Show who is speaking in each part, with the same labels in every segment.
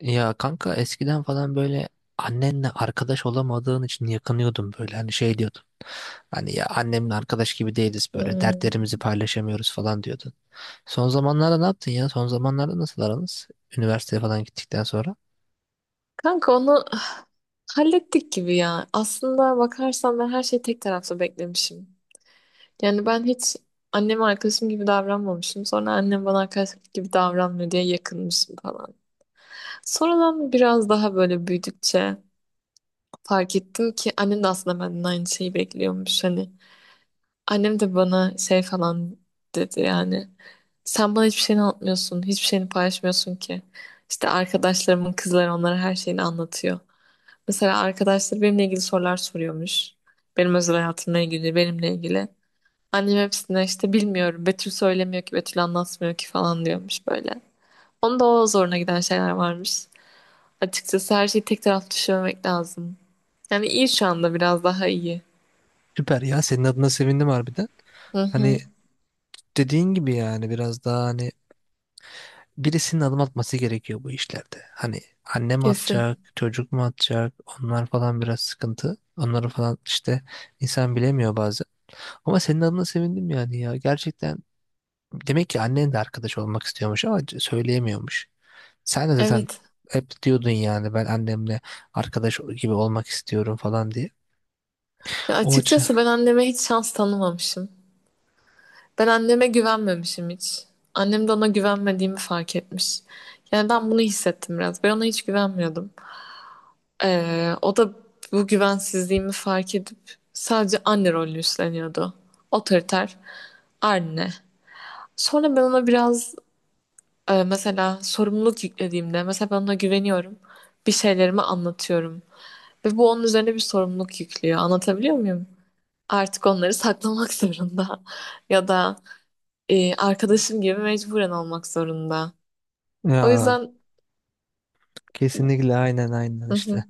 Speaker 1: Ya kanka eskiden falan böyle annenle arkadaş olamadığın için yakınıyordum böyle hani şey diyordum. Hani ya annemle arkadaş gibi değiliz böyle
Speaker 2: Hmm.
Speaker 1: dertlerimizi paylaşamıyoruz falan diyordun. Son zamanlarda ne yaptın ya? Son zamanlarda nasıl aranız? Üniversiteye falan gittikten sonra.
Speaker 2: Kanka onu hallettik gibi ya. Aslında bakarsan ben her şeyi tek taraflı beklemişim. Yani ben hiç anneme arkadaşım gibi davranmamışım. Sonra annem bana arkadaş gibi davranmıyor diye yakınmışım falan. Sonradan biraz daha böyle büyüdükçe fark ettim ki annem de aslında benden aynı şeyi bekliyormuş. Hani annem de bana şey falan dedi yani. Sen bana hiçbir şeyini anlatmıyorsun, hiçbir şeyini paylaşmıyorsun ki. İşte arkadaşlarımın kızları onlara her şeyini anlatıyor. Mesela arkadaşlar benimle ilgili sorular soruyormuş. Benim özel hayatımla ilgili, benimle ilgili. Annem hepsine işte bilmiyorum, Betül söylemiyor ki, Betül anlatmıyor ki falan diyormuş böyle. Onun da o zoruna giden şeyler varmış. Açıkçası her şeyi tek taraflı düşünmemek lazım. Yani iyi şu anda biraz daha iyi.
Speaker 1: Süper ya, senin adına sevindim harbiden.
Speaker 2: Hı
Speaker 1: Hani
Speaker 2: hı,
Speaker 1: dediğin gibi yani biraz daha hani birisinin adım atması gerekiyor bu işlerde. Hani anne mi
Speaker 2: kesin.
Speaker 1: atacak, çocuk mu atacak onlar falan biraz sıkıntı. Onları falan işte insan bilemiyor bazen. Ama senin adına sevindim yani ya. Gerçekten demek ki annen de arkadaş olmak istiyormuş ama söyleyemiyormuş. Sen de zaten
Speaker 2: Evet.
Speaker 1: hep diyordun yani ben annemle arkadaş gibi olmak istiyorum falan diye.
Speaker 2: Ya
Speaker 1: O açı-
Speaker 2: açıkçası ben anneme hiç şans tanımamışım. Ben anneme güvenmemişim hiç. Annem de ona güvenmediğimi fark etmiş. Yani ben bunu hissettim biraz. Ben ona hiç güvenmiyordum. O da bu güvensizliğimi fark edip sadece anne rolünü üstleniyordu. Otoriter anne. Sonra ben ona biraz mesela sorumluluk yüklediğimde mesela ben ona güveniyorum. Bir şeylerimi anlatıyorum. Ve bu onun üzerine bir sorumluluk yüklüyor. Anlatabiliyor muyum? Artık onları saklamak zorunda. Ya da arkadaşım gibi mecburen olmak zorunda. O
Speaker 1: Ya
Speaker 2: yüzden.
Speaker 1: kesinlikle, aynen aynen
Speaker 2: Hı hı.
Speaker 1: işte.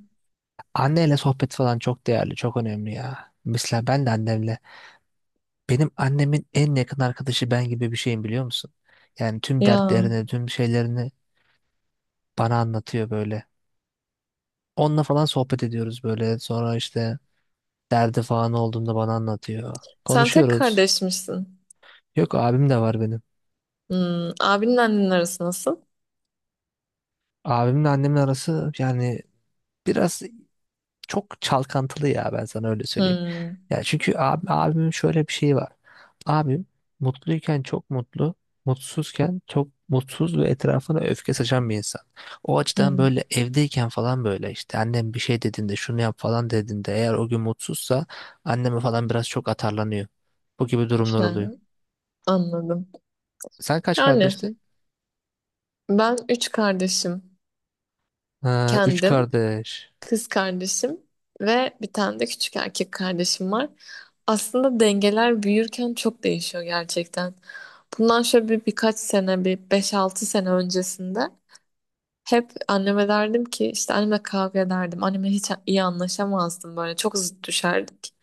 Speaker 1: Anneyle sohbet falan çok değerli, çok önemli ya. Mesela ben de annemle, benim annemin en yakın arkadaşı ben gibi bir şeyim biliyor musun? Yani tüm
Speaker 2: Ya,
Speaker 1: dertlerini, tüm şeylerini bana anlatıyor böyle. Onunla falan sohbet ediyoruz böyle. Sonra işte derdi falan olduğunda bana anlatıyor.
Speaker 2: sen tek
Speaker 1: Konuşuyoruz.
Speaker 2: kardeşmişsin.
Speaker 1: Yok, abim de var benim.
Speaker 2: Hmm, abinin annenin arası nasıl?
Speaker 1: Abimle annemin arası yani biraz çok çalkantılı ya, ben sana öyle söyleyeyim.
Speaker 2: Hmm.
Speaker 1: Ya çünkü abi, abimin şöyle bir şeyi var. Abim mutluyken çok mutlu, mutsuzken çok mutsuz ve etrafına öfke saçan bir insan. O açıdan
Speaker 2: Hı,
Speaker 1: böyle evdeyken falan böyle işte annem bir şey dediğinde şunu yap falan dediğinde eğer o gün mutsuzsa anneme falan biraz çok atarlanıyor. Bu gibi durumlar
Speaker 2: ha,
Speaker 1: oluyor.
Speaker 2: anladım.
Speaker 1: Sen kaç
Speaker 2: Yani
Speaker 1: kardeştin?
Speaker 2: ben üç kardeşim.
Speaker 1: Ha, üç
Speaker 2: Kendim,
Speaker 1: kardeş.
Speaker 2: kız kardeşim ve bir tane de küçük erkek kardeşim var. Aslında dengeler büyürken çok değişiyor gerçekten. Bundan şöyle bir, birkaç sene, bir beş altı sene öncesinde hep anneme derdim ki işte anneme kavga ederdim. Anneme hiç iyi anlaşamazdım böyle çok zıt düşerdik.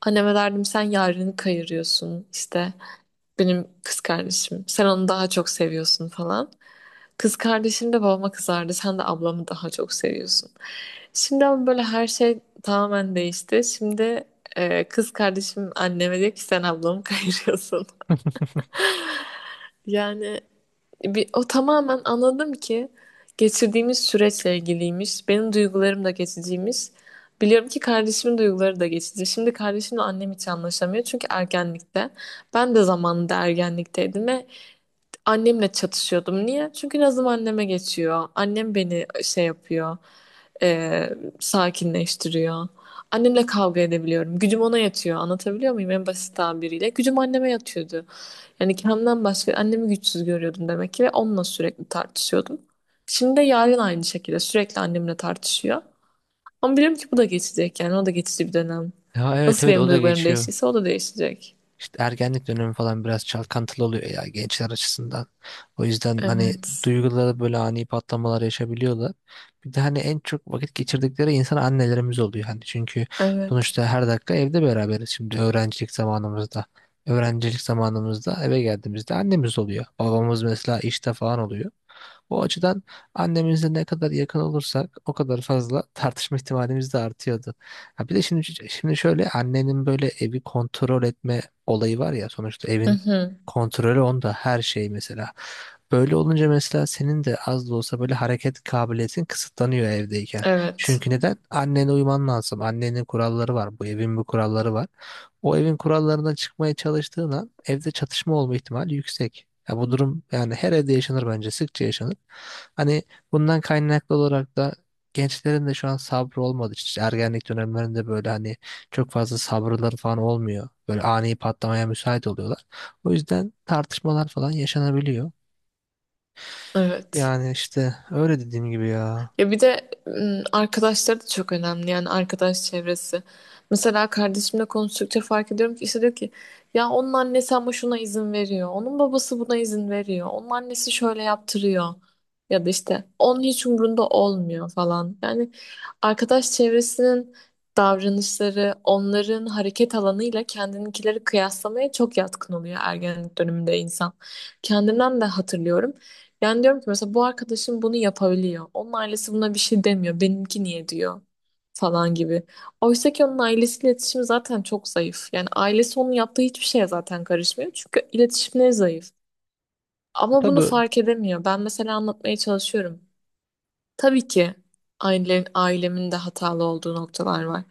Speaker 2: Anneme derdim sen yarını kayırıyorsun işte benim kız kardeşim. Sen onu daha çok seviyorsun falan. Kız kardeşim de babama kızardı. Sen de ablamı daha çok seviyorsun. Şimdi ama böyle her şey tamamen değişti. Şimdi kız kardeşim anneme diyor ki sen ablamı kayırıyorsun. Yani bir, o tamamen anladım ki geçirdiğimiz süreçle ilgiliymiş. Benim duygularım da geçiciymiş. Biliyorum ki kardeşimin duyguları da geçici. Şimdi kardeşimle annem hiç anlaşamıyor. Çünkü ergenlikte. Ben de zamanında ergenlikteydim ve annemle çatışıyordum. Niye? Çünkü nazım anneme geçiyor. Annem beni şey yapıyor. e, Sakinleştiriyor. Annemle kavga edebiliyorum. Gücüm ona yatıyor. Anlatabiliyor muyum? En basit tabiriyle. Gücüm anneme yatıyordu. Yani kendimden başka annemi güçsüz görüyordum demek ki ve onunla sürekli tartışıyordum. Şimdi de yarın aynı şekilde sürekli annemle tartışıyor. Ama biliyorum ki bu da geçecek yani o da geçici bir dönem.
Speaker 1: Ya evet
Speaker 2: Nasıl
Speaker 1: evet,
Speaker 2: benim
Speaker 1: o da
Speaker 2: duygularım
Speaker 1: geçiyor.
Speaker 2: değiştiyse o da değişecek.
Speaker 1: İşte ergenlik dönemi falan biraz çalkantılı oluyor ya gençler açısından. O yüzden hani
Speaker 2: Evet.
Speaker 1: duyguları böyle ani patlamalar yaşabiliyorlar. Bir de hani en çok vakit geçirdikleri insan annelerimiz oluyor. Hani çünkü
Speaker 2: Evet.
Speaker 1: sonuçta her dakika evde beraberiz şimdi öğrencilik zamanımızda. Öğrencilik zamanımızda eve geldiğimizde annemiz oluyor. Babamız mesela işte falan oluyor. O açıdan annemizle ne kadar yakın olursak o kadar fazla tartışma ihtimalimiz de artıyordu. Ha bir de şimdi şöyle annenin böyle evi kontrol etme olayı var ya, sonuçta
Speaker 2: Hı
Speaker 1: evin
Speaker 2: hı.
Speaker 1: kontrolü onda, her şey mesela. Böyle olunca mesela senin de az da olsa böyle hareket kabiliyetin kısıtlanıyor evdeyken.
Speaker 2: Evet.
Speaker 1: Çünkü neden? Annene uyman lazım. Annenin kuralları var. Bu evin bir kuralları var. O evin kurallarından çıkmaya çalıştığın an evde çatışma olma ihtimali yüksek. Ya bu durum yani her evde yaşanır, bence sıkça yaşanır. Hani bundan kaynaklı olarak da gençlerin de şu an sabrı olmadı. İşte ergenlik dönemlerinde böyle hani çok fazla sabırları falan olmuyor. Böyle ani patlamaya müsait oluyorlar. O yüzden tartışmalar falan yaşanabiliyor.
Speaker 2: Evet.
Speaker 1: Yani işte öyle dediğim gibi ya.
Speaker 2: Ya bir de arkadaşları da çok önemli yani arkadaş çevresi. Mesela kardeşimle konuştukça fark ediyorum ki işte diyor ki ya onun annesi ama şuna izin veriyor. Onun babası buna izin veriyor. Onun annesi şöyle yaptırıyor. Ya da işte onun hiç umrunda olmuyor falan. Yani arkadaş çevresinin davranışları onların hareket alanıyla kendininkileri kıyaslamaya çok yatkın oluyor ergenlik döneminde insan. Kendimden de hatırlıyorum. Yani diyorum ki mesela bu arkadaşım bunu yapabiliyor. Onun ailesi buna bir şey demiyor. Benimki niye diyor falan gibi. Oysa ki onun ailesiyle iletişimi zaten çok zayıf. Yani ailesi onun yaptığı hiçbir şeye zaten karışmıyor. Çünkü iletişimleri zayıf. Ama bunu
Speaker 1: Tabii,
Speaker 2: fark edemiyor. Ben mesela anlatmaya çalışıyorum. Tabii ki ailemin de hatalı olduğu noktalar var.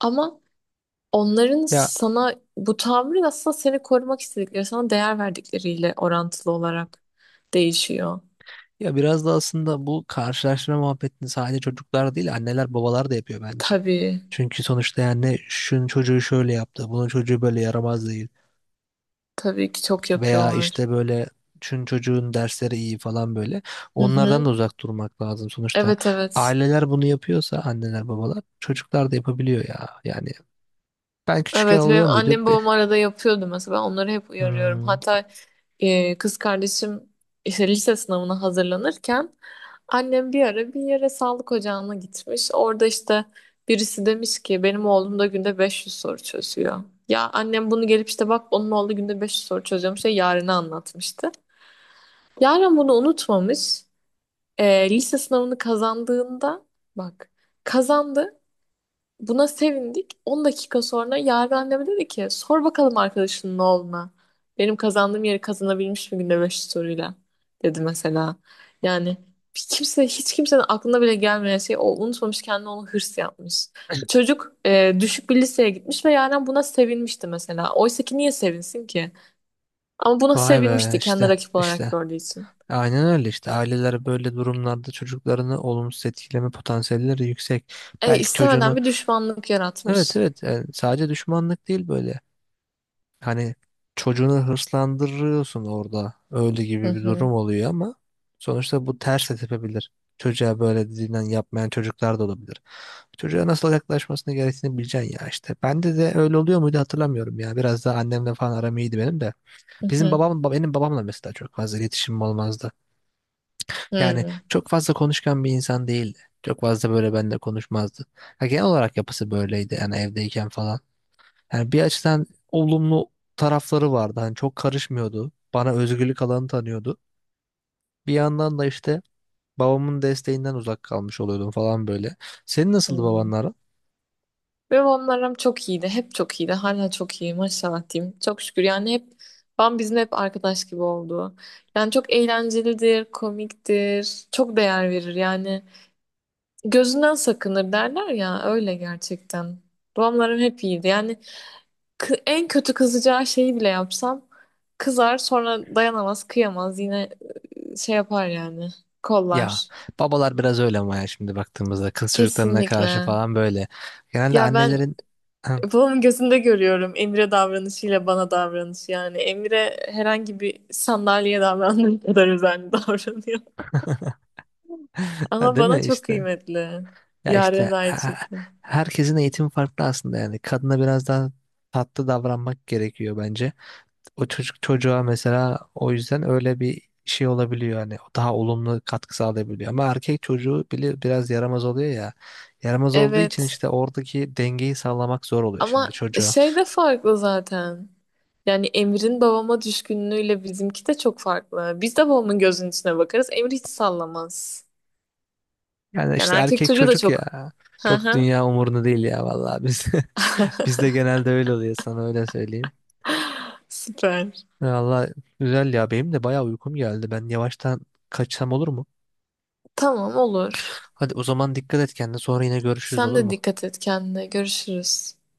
Speaker 2: Ama onların
Speaker 1: ya
Speaker 2: sana bu tavrı aslında seni korumak istedikleri, sana değer verdikleriyle orantılı olarak değişiyor.
Speaker 1: ya biraz da aslında bu karşılaştırma muhabbetini sadece çocuklar değil anneler babalar da yapıyor bence.
Speaker 2: Tabii.
Speaker 1: Çünkü sonuçta yani şunun çocuğu şöyle yaptı, bunun çocuğu böyle yaramaz değil.
Speaker 2: Tabii ki çok
Speaker 1: Veya
Speaker 2: yapıyorlar.
Speaker 1: işte böyle şunun çocuğun dersleri iyi falan böyle.
Speaker 2: Hı
Speaker 1: Onlardan
Speaker 2: hı.
Speaker 1: da uzak durmak lazım sonuçta.
Speaker 2: Evet, evet.
Speaker 1: Aileler bunu yapıyorsa, anneler babalar, çocuklar da yapabiliyor ya. Yani ben küçükken
Speaker 2: Evet, benim
Speaker 1: oluyor muydu?
Speaker 2: annem
Speaker 1: Be-
Speaker 2: babam arada yapıyordu mesela. Ben onları hep uyarıyorum.
Speaker 1: Hmm.
Speaker 2: Hatta kız kardeşim işte lise sınavına hazırlanırken annem bir ara bir yere sağlık ocağına gitmiş. Orada işte birisi demiş ki benim oğlum da günde 500 soru çözüyor. Ya annem bunu gelip işte bak onun oğlu günde 500 soru çözüyormuş diye Yaren'e anlatmıştı. Yaren bunu unutmamış. Lise sınavını kazandığında bak kazandı. Buna sevindik. 10 dakika sonra Yaren anneme dedi ki sor bakalım arkadaşının oğluna. Benim kazandığım yeri kazanabilmiş mi günde 5 soruyla dedi mesela. Yani bir kimse hiç kimsenin aklına bile gelmeyen şey o unutmamış kendine onu hırs yapmış. Çocuk düşük bir liseye gitmiş ve Yaren buna sevinmişti mesela. Oysa ki niye sevinsin ki? Ama buna
Speaker 1: Vay be,
Speaker 2: sevinmişti kendi
Speaker 1: işte
Speaker 2: rakip olarak
Speaker 1: işte.
Speaker 2: gördüğü için.
Speaker 1: Aynen öyle işte. Aileler böyle durumlarda çocuklarını olumsuz etkileme potansiyelleri yüksek. Belki
Speaker 2: İstemeden
Speaker 1: çocuğunu
Speaker 2: bir düşmanlık
Speaker 1: evet
Speaker 2: yaratmış.
Speaker 1: evet yani sadece düşmanlık değil böyle. Hani çocuğunu hırslandırıyorsun orada. Öyle
Speaker 2: Hı
Speaker 1: gibi bir
Speaker 2: hı,
Speaker 1: durum oluyor ama sonuçta bu ters de tepebilir. Çocuğa böyle dediğinden yapmayan çocuklar da olabilir. Çocuğa nasıl yaklaşmasını gerektiğini bileceksin ya işte. Bende de öyle oluyor muydu hatırlamıyorum ya. Biraz daha annemle falan aram iyiydi benim de.
Speaker 2: hı hı.
Speaker 1: Benim babamla mesela çok fazla iletişimim olmazdı. Yani
Speaker 2: Hı.
Speaker 1: çok fazla konuşkan bir insan değildi. Çok fazla böyle benimle konuşmazdı. Ya genel olarak yapısı böyleydi yani evdeyken falan. Yani bir açıdan olumlu tarafları vardı. Hani çok karışmıyordu. Bana özgürlük alanı tanıyordu. Bir yandan da işte babamın desteğinden uzak kalmış oluyordum falan böyle. Senin nasıldı
Speaker 2: Hmm.
Speaker 1: babanların?
Speaker 2: Benim onlarım çok iyiydi. Hep çok iyiydi. Hala çok iyi. Maşallah diyeyim. Çok şükür. Yani hep ben bizim hep arkadaş gibi oldu. Yani çok eğlencelidir, komiktir. Çok değer verir yani. Gözünden sakınır derler ya. Öyle gerçekten. Babamlarım hep iyiydi. Yani en kötü kızacağı şeyi bile yapsam kızar sonra dayanamaz, kıyamaz. Yine şey yapar yani.
Speaker 1: Ya
Speaker 2: Kollar.
Speaker 1: babalar biraz öyle ama ya şimdi baktığımızda kız çocuklarına karşı
Speaker 2: Kesinlikle.
Speaker 1: falan böyle. Genelde
Speaker 2: Ya ben
Speaker 1: annelerin
Speaker 2: babamın gözünde görüyorum Emre davranışıyla bana davranışı yani. Emre herhangi bir sandalyeye davrandığı kadar özenli davranıyor. Ama
Speaker 1: değil
Speaker 2: bana
Speaker 1: mi
Speaker 2: çok
Speaker 1: işte?
Speaker 2: kıymetli.
Speaker 1: Ya
Speaker 2: Yaren
Speaker 1: işte
Speaker 2: de aynı
Speaker 1: eh,
Speaker 2: şekilde.
Speaker 1: herkesin eğitimi farklı aslında yani. Kadına biraz daha tatlı davranmak gerekiyor bence. O çocuk çocuğa mesela, o yüzden öyle bir şey olabiliyor hani, o daha olumlu katkı sağlayabiliyor. Ama erkek çocuğu bile biraz yaramaz oluyor ya. Yaramaz olduğu için
Speaker 2: Evet.
Speaker 1: işte oradaki dengeyi sağlamak zor oluyor şimdi
Speaker 2: Ama
Speaker 1: çocuğa.
Speaker 2: şey de farklı zaten. Yani Emir'in babama düşkünlüğüyle bizimki de çok farklı. Biz de babamın gözünün içine bakarız. Emir hiç sallamaz.
Speaker 1: Yani
Speaker 2: Yani
Speaker 1: işte
Speaker 2: erkek
Speaker 1: erkek
Speaker 2: çocuğu da
Speaker 1: çocuk
Speaker 2: çok.
Speaker 1: ya,
Speaker 2: Hı
Speaker 1: çok
Speaker 2: hı.
Speaker 1: dünya umurunda değil ya vallahi, biz bizde genelde öyle oluyor, sana öyle söyleyeyim.
Speaker 2: Süper.
Speaker 1: Vallahi güzel ya, benim de bayağı uykum geldi. Ben yavaştan kaçsam olur mu?
Speaker 2: Tamam, olur.
Speaker 1: Hadi o zaman dikkat et kendine. Sonra yine görüşürüz,
Speaker 2: Sen
Speaker 1: olur
Speaker 2: de
Speaker 1: mu?
Speaker 2: dikkat et kendine. Görüşürüz.